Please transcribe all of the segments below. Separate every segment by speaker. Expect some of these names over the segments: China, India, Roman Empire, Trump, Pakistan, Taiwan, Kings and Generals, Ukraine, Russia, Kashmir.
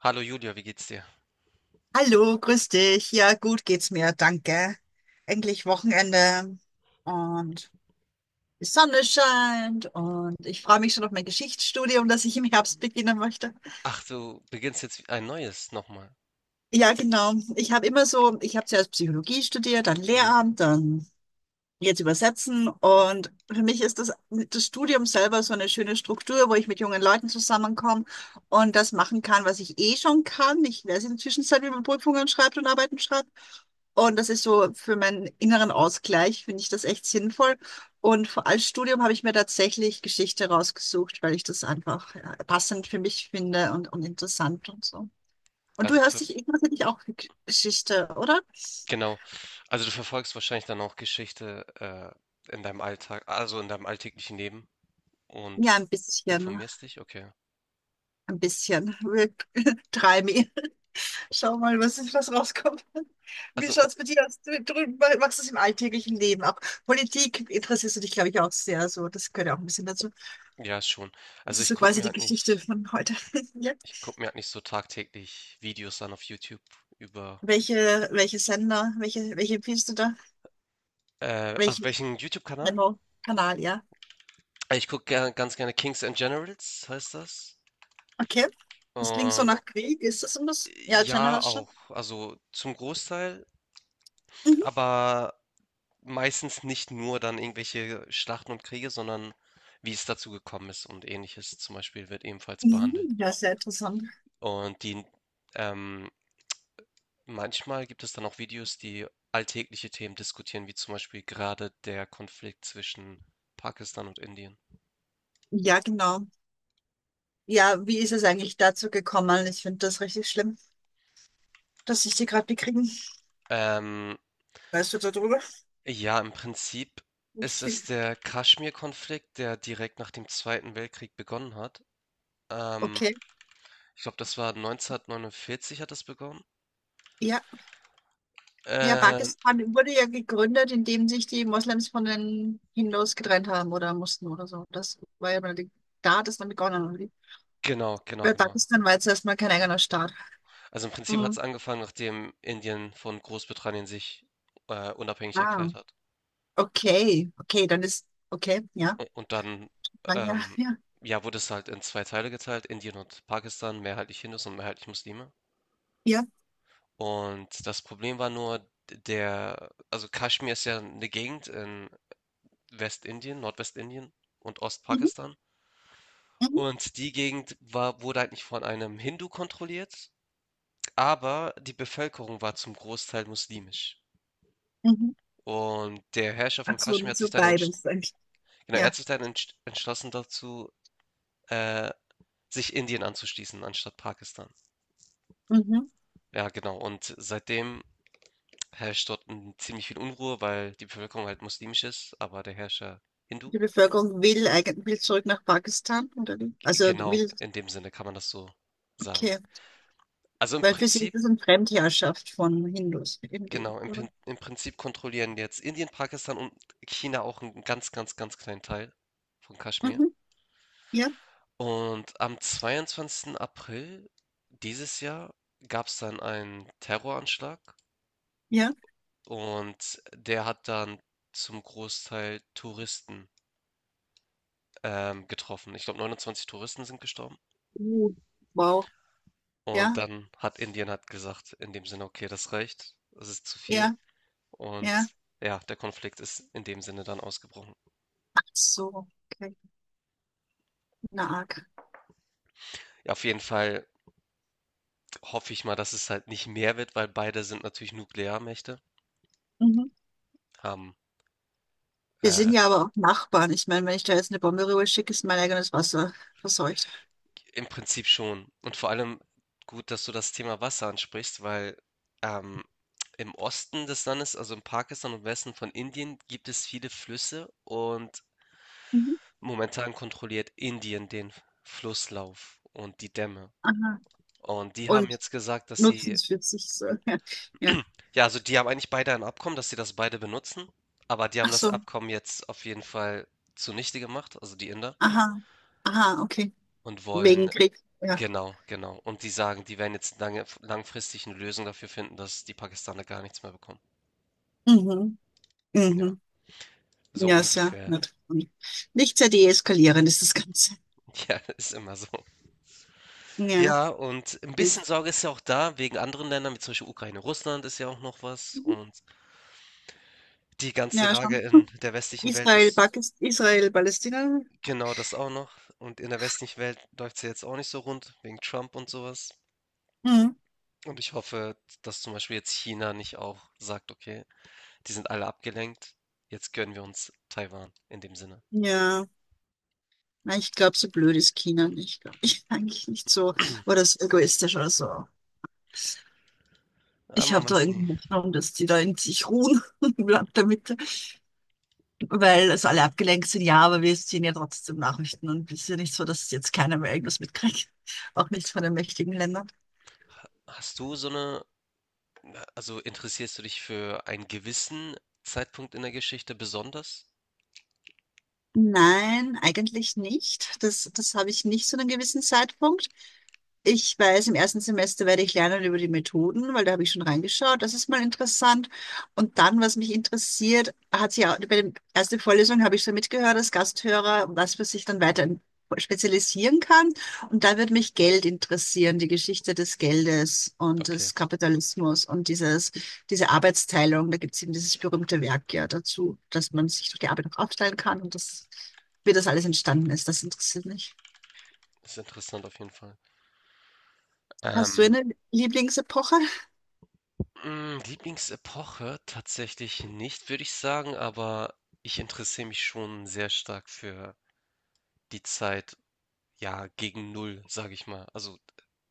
Speaker 1: Hallo Julia, wie geht's dir?
Speaker 2: Hallo, grüß dich. Ja, gut geht's mir, danke. Endlich Wochenende und die Sonne scheint und ich freue mich schon auf mein Geschichtsstudium, das ich im Herbst beginnen möchte.
Speaker 1: Ach, du beginnst jetzt ein neues nochmal.
Speaker 2: Ja, genau. Ich habe immer so, ich habe zuerst Psychologie studiert, dann
Speaker 1: Mhm.
Speaker 2: Lehramt, dann jetzt übersetzen. Und für mich ist das Studium selber so eine schöne Struktur, wo ich mit jungen Leuten zusammenkomme und das machen kann, was ich eh schon kann. Ich weiß in der Zwischenzeit, wie man Prüfungen schreibt und Arbeiten schreibt. Und das ist so für meinen inneren Ausgleich, finde ich das echt sinnvoll. Und als Studium habe ich mir tatsächlich Geschichte rausgesucht, weil ich das einfach ja, passend für mich finde und interessant und so. Und du
Speaker 1: Also
Speaker 2: hörst
Speaker 1: für,
Speaker 2: dich, interessierst dich auch für Geschichte, oder?
Speaker 1: genau. Also du verfolgst wahrscheinlich dann auch Geschichte in deinem Alltag, also in deinem alltäglichen Leben
Speaker 2: Ja,
Speaker 1: und
Speaker 2: ein bisschen.
Speaker 1: informierst dich? Okay.
Speaker 2: Ein bisschen. Try me. Schau mal, was rauskommt. Wie
Speaker 1: Also
Speaker 2: schaut's mit dir aus? Du machst es im alltäglichen Leben. Auch Politik interessierst du dich, glaube ich, auch sehr. So, das gehört ja auch ein bisschen dazu.
Speaker 1: ja, schon.
Speaker 2: Das
Speaker 1: Also
Speaker 2: ist
Speaker 1: ich
Speaker 2: so
Speaker 1: gucke
Speaker 2: quasi
Speaker 1: mir
Speaker 2: die
Speaker 1: halt
Speaker 2: Geschichte
Speaker 1: nicht,
Speaker 2: von heute. Ja.
Speaker 1: Ich gucke mir halt nicht so tagtäglich Videos an auf YouTube über.
Speaker 2: Welche Sender, welche empfiehlst du da?
Speaker 1: Also
Speaker 2: Welchen
Speaker 1: welchen YouTube-Kanal?
Speaker 2: Channel? Kanal, ja.
Speaker 1: Ich gucke ganz gerne Kings and Generals, heißt das.
Speaker 2: Okay. Das klingt so
Speaker 1: Und
Speaker 2: nach Krieg. Ist das und das? Ja,
Speaker 1: ja,
Speaker 2: Generation.
Speaker 1: auch, also zum Großteil.
Speaker 2: Mhm.
Speaker 1: Aber meistens nicht nur dann irgendwelche Schlachten und Kriege, sondern wie es dazu gekommen ist und Ähnliches zum Beispiel wird ebenfalls behandelt.
Speaker 2: Mhm. Ja, sehr interessant.
Speaker 1: Und die, ähm, manchmal gibt es dann auch Videos, die alltägliche Themen diskutieren, wie zum Beispiel gerade der Konflikt zwischen Pakistan und Indien.
Speaker 2: Ja, genau. Ja, wie ist es eigentlich dazu gekommen? Ich finde das richtig schlimm, dass ich die gerade bekriegen.
Speaker 1: Ähm,
Speaker 2: Weißt du darüber?
Speaker 1: ja, im Prinzip ist
Speaker 2: Nicht
Speaker 1: es
Speaker 2: viel.
Speaker 1: der Kaschmir-Konflikt, der direkt nach dem Zweiten Weltkrieg begonnen hat. Ähm,
Speaker 2: Okay.
Speaker 1: Ich glaube, das war 1949 hat das begonnen.
Speaker 2: Ja. Ja,
Speaker 1: Äh,
Speaker 2: Pakistan wurde ja gegründet, indem sich die Moslems von den Hindus getrennt haben oder mussten oder so. Das war ja mal die, da hat es dann begonnen, oder wie?
Speaker 1: genau, genau,
Speaker 2: Weil
Speaker 1: genau.
Speaker 2: Pakistan war jetzt erstmal kein eigener Staat.
Speaker 1: Also im Prinzip hat es
Speaker 2: Mhm.
Speaker 1: angefangen, nachdem Indien von Großbritannien sich unabhängig
Speaker 2: Ah,
Speaker 1: erklärt hat.
Speaker 2: okay. Okay, dann ist, okay, ja,
Speaker 1: Und dann,
Speaker 2: lang her,
Speaker 1: ähm,
Speaker 2: ja.
Speaker 1: ja, wurde es halt in zwei Teile geteilt, Indien und Pakistan, mehrheitlich Hindus und mehrheitlich Muslime.
Speaker 2: Ja.
Speaker 1: Und das Problem war nur, der, also Kaschmir ist ja eine Gegend in Westindien, Nordwestindien und
Speaker 2: Mhm.
Speaker 1: Ostpakistan.
Speaker 2: Mhm.
Speaker 1: Und die Gegend war, wurde eigentlich von einem Hindu kontrolliert, aber die Bevölkerung war zum Großteil muslimisch.
Speaker 2: Mhm.
Speaker 1: Und der Herrscher
Speaker 2: Ach
Speaker 1: von
Speaker 2: so,
Speaker 1: Kaschmir hat
Speaker 2: so
Speaker 1: sich dann entschieden,
Speaker 2: beides eigentlich.
Speaker 1: genau, er
Speaker 2: Ja.
Speaker 1: hat sich dann entschlossen dazu, äh, sich Indien anzuschließen, anstatt Pakistan.
Speaker 2: Mhm.
Speaker 1: Ja, genau. Und seitdem herrscht dort ziemlich viel Unruhe, weil die Bevölkerung halt muslimisch ist, aber der Herrscher Hindu.
Speaker 2: Die Bevölkerung will eigentlich will zurück nach Pakistan, oder wie? Also
Speaker 1: Genau,
Speaker 2: will,
Speaker 1: in dem Sinne kann man das so sagen.
Speaker 2: okay.
Speaker 1: Also im
Speaker 2: Weil für sie ist
Speaker 1: Prinzip,
Speaker 2: das eine Fremdherrschaft von Hindus irgendwie,
Speaker 1: genau,
Speaker 2: oder?
Speaker 1: Im Prinzip kontrollieren jetzt Indien, Pakistan und China auch einen ganz, ganz, ganz kleinen Teil von Kaschmir.
Speaker 2: Mhm. Ja,
Speaker 1: Und am 22. April dieses Jahr gab es dann einen Terroranschlag.
Speaker 2: ja.
Speaker 1: Und der hat dann zum Großteil Touristen getroffen. Ich glaube, 29 Touristen sind gestorben.
Speaker 2: Uh, wow.
Speaker 1: Und
Speaker 2: Ja,
Speaker 1: dann hat Indien hat gesagt, in dem Sinne, okay, das reicht, das ist zu viel.
Speaker 2: ja,
Speaker 1: Und
Speaker 2: ja.
Speaker 1: ja, der Konflikt ist in dem Sinne dann ausgebrochen.
Speaker 2: Ach so, okay. Na arg.
Speaker 1: Ja, auf jeden Fall hoffe ich mal, dass es halt nicht mehr wird, weil beide sind natürlich Nuklearmächte,
Speaker 2: Mhm.
Speaker 1: haben
Speaker 2: Wir sind
Speaker 1: äh,
Speaker 2: ja aber auch Nachbarn. Ich meine, wenn ich da jetzt eine Bombe rüber schicke, ist mein eigenes Wasser verseucht.
Speaker 1: im Prinzip schon. Und vor allem gut, dass du das Thema Wasser ansprichst, weil ähm, im Osten des Landes, also in Pakistan und Westen von Indien, gibt es viele Flüsse und
Speaker 2: Mhm.
Speaker 1: momentan kontrolliert Indien den Flusslauf und die Dämme.
Speaker 2: Aha.
Speaker 1: Und die haben
Speaker 2: Und
Speaker 1: jetzt gesagt, dass
Speaker 2: nutzen
Speaker 1: sie,
Speaker 2: es für sich so. Ja. Ja.
Speaker 1: ja, also die haben eigentlich beide ein Abkommen, dass sie das beide benutzen, aber die haben
Speaker 2: Ach
Speaker 1: das
Speaker 2: so.
Speaker 1: Abkommen jetzt auf jeden Fall zunichte gemacht, also die Inder,
Speaker 2: Aha, aha, okay.
Speaker 1: und wollen
Speaker 2: Wegen Krieg. Ja.
Speaker 1: genau, genau. Und die sagen, die werden jetzt lange, langfristig eine Lösung dafür finden, dass die Pakistaner gar nichts mehr bekommen.
Speaker 2: Mhm.
Speaker 1: Ja,
Speaker 2: Mhm.
Speaker 1: so
Speaker 2: Ja, ist ja
Speaker 1: ungefähr.
Speaker 2: nett. Nicht sehr deeskalierend ist das Ganze.
Speaker 1: Ja, ist immer so.
Speaker 2: Ja.
Speaker 1: Ja, und ein bisschen Sorge ist ja auch da wegen anderen Ländern, wie zum Beispiel Ukraine, Russland ist ja auch noch was.
Speaker 2: Mhm.
Speaker 1: Und die ganze
Speaker 2: Ja,
Speaker 1: Lage
Speaker 2: schon.
Speaker 1: in der westlichen Welt
Speaker 2: Israel,
Speaker 1: ist
Speaker 2: Pakistan, Israel, Palästina?
Speaker 1: genau das auch noch. Und in der westlichen Welt läuft es ja jetzt auch nicht so rund, wegen Trump und sowas.
Speaker 2: Hm.
Speaker 1: Und ich hoffe, dass zum Beispiel jetzt China nicht auch sagt, okay, die sind alle abgelenkt, jetzt gönnen wir uns Taiwan in dem Sinne.
Speaker 2: Ja, nein, ich glaube, so blöd ist China nicht, glaub ich eigentlich nicht so. Oder so egoistisch oder so.
Speaker 1: Ah,
Speaker 2: Ich
Speaker 1: man
Speaker 2: habe da
Speaker 1: weiß nie.
Speaker 2: irgendwie Hoffnung, dass die da in sich ruhen im Land der Mitte, weil es alle abgelenkt sind. Ja, aber wir sehen ja trotzdem Nachrichten und es ist ja nicht so, dass jetzt keiner mehr irgendwas mitkriegt. Auch nicht von den mächtigen Ländern.
Speaker 1: Hast du so eine, also interessierst du dich für einen gewissen Zeitpunkt in der Geschichte besonders?
Speaker 2: Nein, eigentlich nicht. Das habe ich nicht zu einem gewissen Zeitpunkt. Ich weiß, im ersten Semester werde ich lernen über die Methoden, weil da habe ich schon reingeschaut. Das ist mal interessant. Und dann, was mich interessiert, hat sich auch, bei der ersten Vorlesung habe ich so mitgehört als Gasthörer, was man sich dann weiter spezialisieren kann. Und da wird mich Geld interessieren, die Geschichte des Geldes und
Speaker 1: Okay,
Speaker 2: des Kapitalismus und dieses, diese Arbeitsteilung. Da gibt es eben dieses berühmte Werk ja dazu, dass man sich durch die Arbeit auch aufteilen kann und das, wie das alles entstanden ist. Das interessiert mich.
Speaker 1: ist interessant auf jeden Fall.
Speaker 2: Hast du
Speaker 1: Ähm,
Speaker 2: eine Lieblingsepoche?
Speaker 1: mh, Lieblingsepoche tatsächlich nicht, würde ich sagen, aber ich interessiere mich schon sehr stark für die Zeit, ja, gegen Null, sage ich mal. Also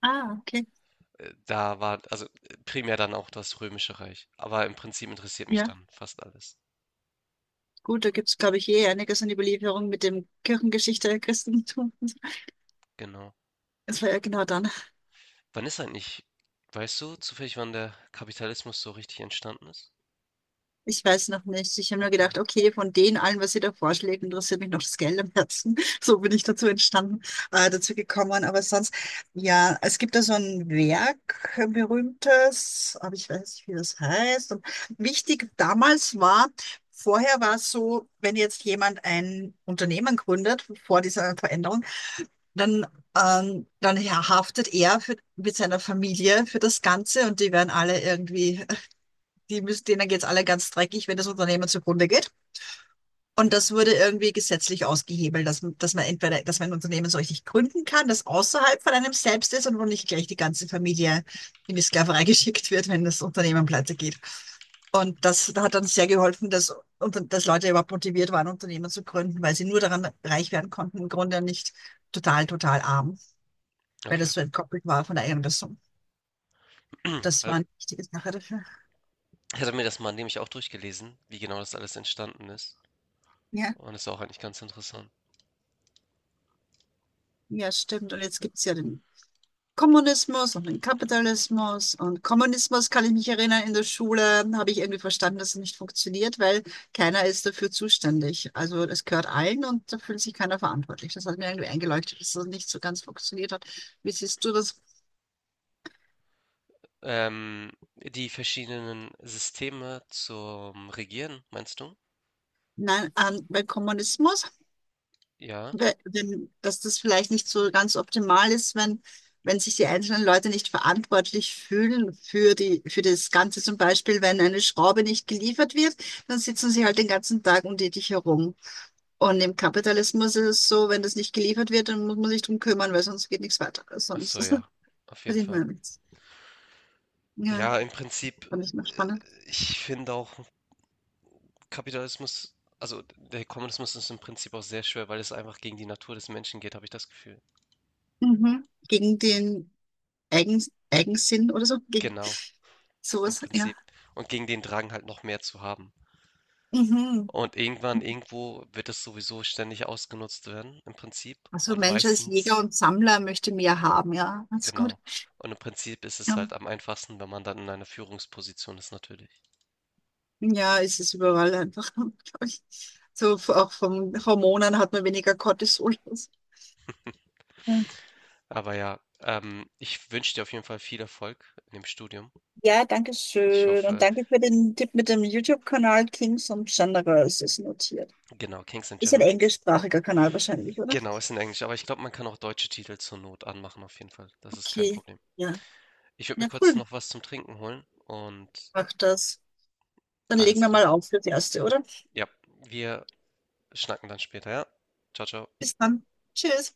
Speaker 2: Ah, okay.
Speaker 1: da war, also primär dann auch das Römische Reich. Aber im Prinzip interessiert mich
Speaker 2: Ja,
Speaker 1: dann fast alles.
Speaker 2: gut, da gibt es, glaube ich, eh einiges an Überlieferung mit dem Kirchengeschichte, Christentum.
Speaker 1: Genau.
Speaker 2: Das war ja genau dann.
Speaker 1: Wann ist eigentlich weißt du zufällig, wann der Kapitalismus so richtig entstanden ist?
Speaker 2: Ich weiß noch nicht. Ich habe nur
Speaker 1: Okay,
Speaker 2: gedacht, okay, von denen allen, was ihr da vorschlägt, interessiert mich noch das Geld am Herzen. So bin ich dazu entstanden, dazu gekommen. Aber sonst, ja, es gibt da so ein Werk, ein berühmtes, aber ich weiß nicht, wie das heißt. Und wichtig damals war, vorher war es so, wenn jetzt jemand ein Unternehmen gründet, vor dieser Veränderung, dann, dann haftet er für, mit seiner Familie für das Ganze und die werden alle irgendwie, die müssen, denen geht's alle ganz dreckig, wenn das Unternehmen zugrunde geht. Und das wurde irgendwie gesetzlich ausgehebelt, dass man entweder, dass man ein Unternehmen so richtig gründen kann, das außerhalb von einem selbst ist und wo nicht gleich die ganze Familie in die Sklaverei geschickt wird, wenn das Unternehmen pleite geht. Und das hat dann sehr geholfen, dass, und dass Leute überhaupt motiviert waren, Unternehmen zu gründen, weil sie nur daran reich werden konnten, im Grunde nicht total, total arm, weil
Speaker 1: okay.
Speaker 2: das so entkoppelt war von der Einrissung. Das
Speaker 1: Weil
Speaker 2: war eine wichtige Sache dafür.
Speaker 1: ich hatte mir das mal nämlich auch durchgelesen, wie genau das alles entstanden ist.
Speaker 2: Ja,
Speaker 1: Und ist auch eigentlich ganz interessant.
Speaker 2: ja, stimmt. Und jetzt gibt es ja den Kommunismus und den Kapitalismus. Und Kommunismus kann ich mich erinnern, in der Schule habe ich irgendwie verstanden, dass es nicht funktioniert, weil keiner ist dafür zuständig. Also es gehört allen und da fühlt sich keiner verantwortlich. Das hat mir irgendwie eingeleuchtet, dass das nicht so ganz funktioniert hat. Wie siehst du das?
Speaker 1: Die verschiedenen Systeme zum Regieren, meinst du?
Speaker 2: Nein, beim Kommunismus
Speaker 1: Ja.
Speaker 2: wenn, dass das vielleicht nicht so ganz optimal ist, wenn, wenn sich die einzelnen Leute nicht verantwortlich fühlen für die, für das Ganze. Zum Beispiel, wenn eine Schraube nicht geliefert wird, dann sitzen sie halt den ganzen Tag um herum. Und im Kapitalismus ist es so, wenn das nicht geliefert wird, dann muss man sich drum kümmern, weil sonst geht nichts weiter.
Speaker 1: Ach
Speaker 2: Sonst
Speaker 1: so, ja. Auf jeden
Speaker 2: verdient man
Speaker 1: Fall.
Speaker 2: ja nichts. Ja,
Speaker 1: Ja, im Prinzip,
Speaker 2: fand ich noch
Speaker 1: äh,
Speaker 2: spannend.
Speaker 1: ich finde auch Kapitalismus, also der Kommunismus ist im Prinzip auch sehr schwer, weil es einfach gegen die Natur des Menschen geht, habe ich das Gefühl.
Speaker 2: Mhm. Gegen den Eigen, Eigensinn oder so, gegen
Speaker 1: Genau. Im
Speaker 2: sowas, ja.
Speaker 1: Prinzip. Und gegen den Drang halt noch mehr zu haben.
Speaker 2: Mhm.
Speaker 1: Und irgendwann, irgendwo wird es sowieso ständig ausgenutzt werden, im Prinzip.
Speaker 2: Also
Speaker 1: Und
Speaker 2: Mensch als Jäger
Speaker 1: meistens,
Speaker 2: und Sammler möchte mehr haben, ja. That's gut.
Speaker 1: genau. Und im Prinzip ist es
Speaker 2: Ja,
Speaker 1: halt am einfachsten, wenn man dann in einer Führungsposition ist, natürlich.
Speaker 2: ja ist es überall einfach, glaub ich. Auch von Hormonen hat man weniger Cortisol. Ja,
Speaker 1: Aber ja, ich wünsche dir auf jeden Fall viel Erfolg in dem Studium.
Speaker 2: ja, danke
Speaker 1: Ich
Speaker 2: schön. Und
Speaker 1: hoffe,
Speaker 2: danke für den Tipp mit dem YouTube-Kanal Kings und Generals ist notiert.
Speaker 1: genau, Kings and
Speaker 2: Ist ein
Speaker 1: Generals.
Speaker 2: englischsprachiger Kanal wahrscheinlich, oder?
Speaker 1: Genau, ist in Englisch, aber ich glaube, man kann auch deutsche Titel zur Not anmachen, auf jeden Fall. Das ist kein
Speaker 2: Okay,
Speaker 1: Problem.
Speaker 2: ja.
Speaker 1: Ich würde mir
Speaker 2: Ja,
Speaker 1: kurz
Speaker 2: cool.
Speaker 1: noch was zum Trinken holen und
Speaker 2: Mach das. Dann legen
Speaker 1: alles
Speaker 2: wir
Speaker 1: klar.
Speaker 2: mal auf fürs Erste, oder?
Speaker 1: Ja, wir schnacken dann später, ja? Ciao, ciao.
Speaker 2: Bis dann. Tschüss.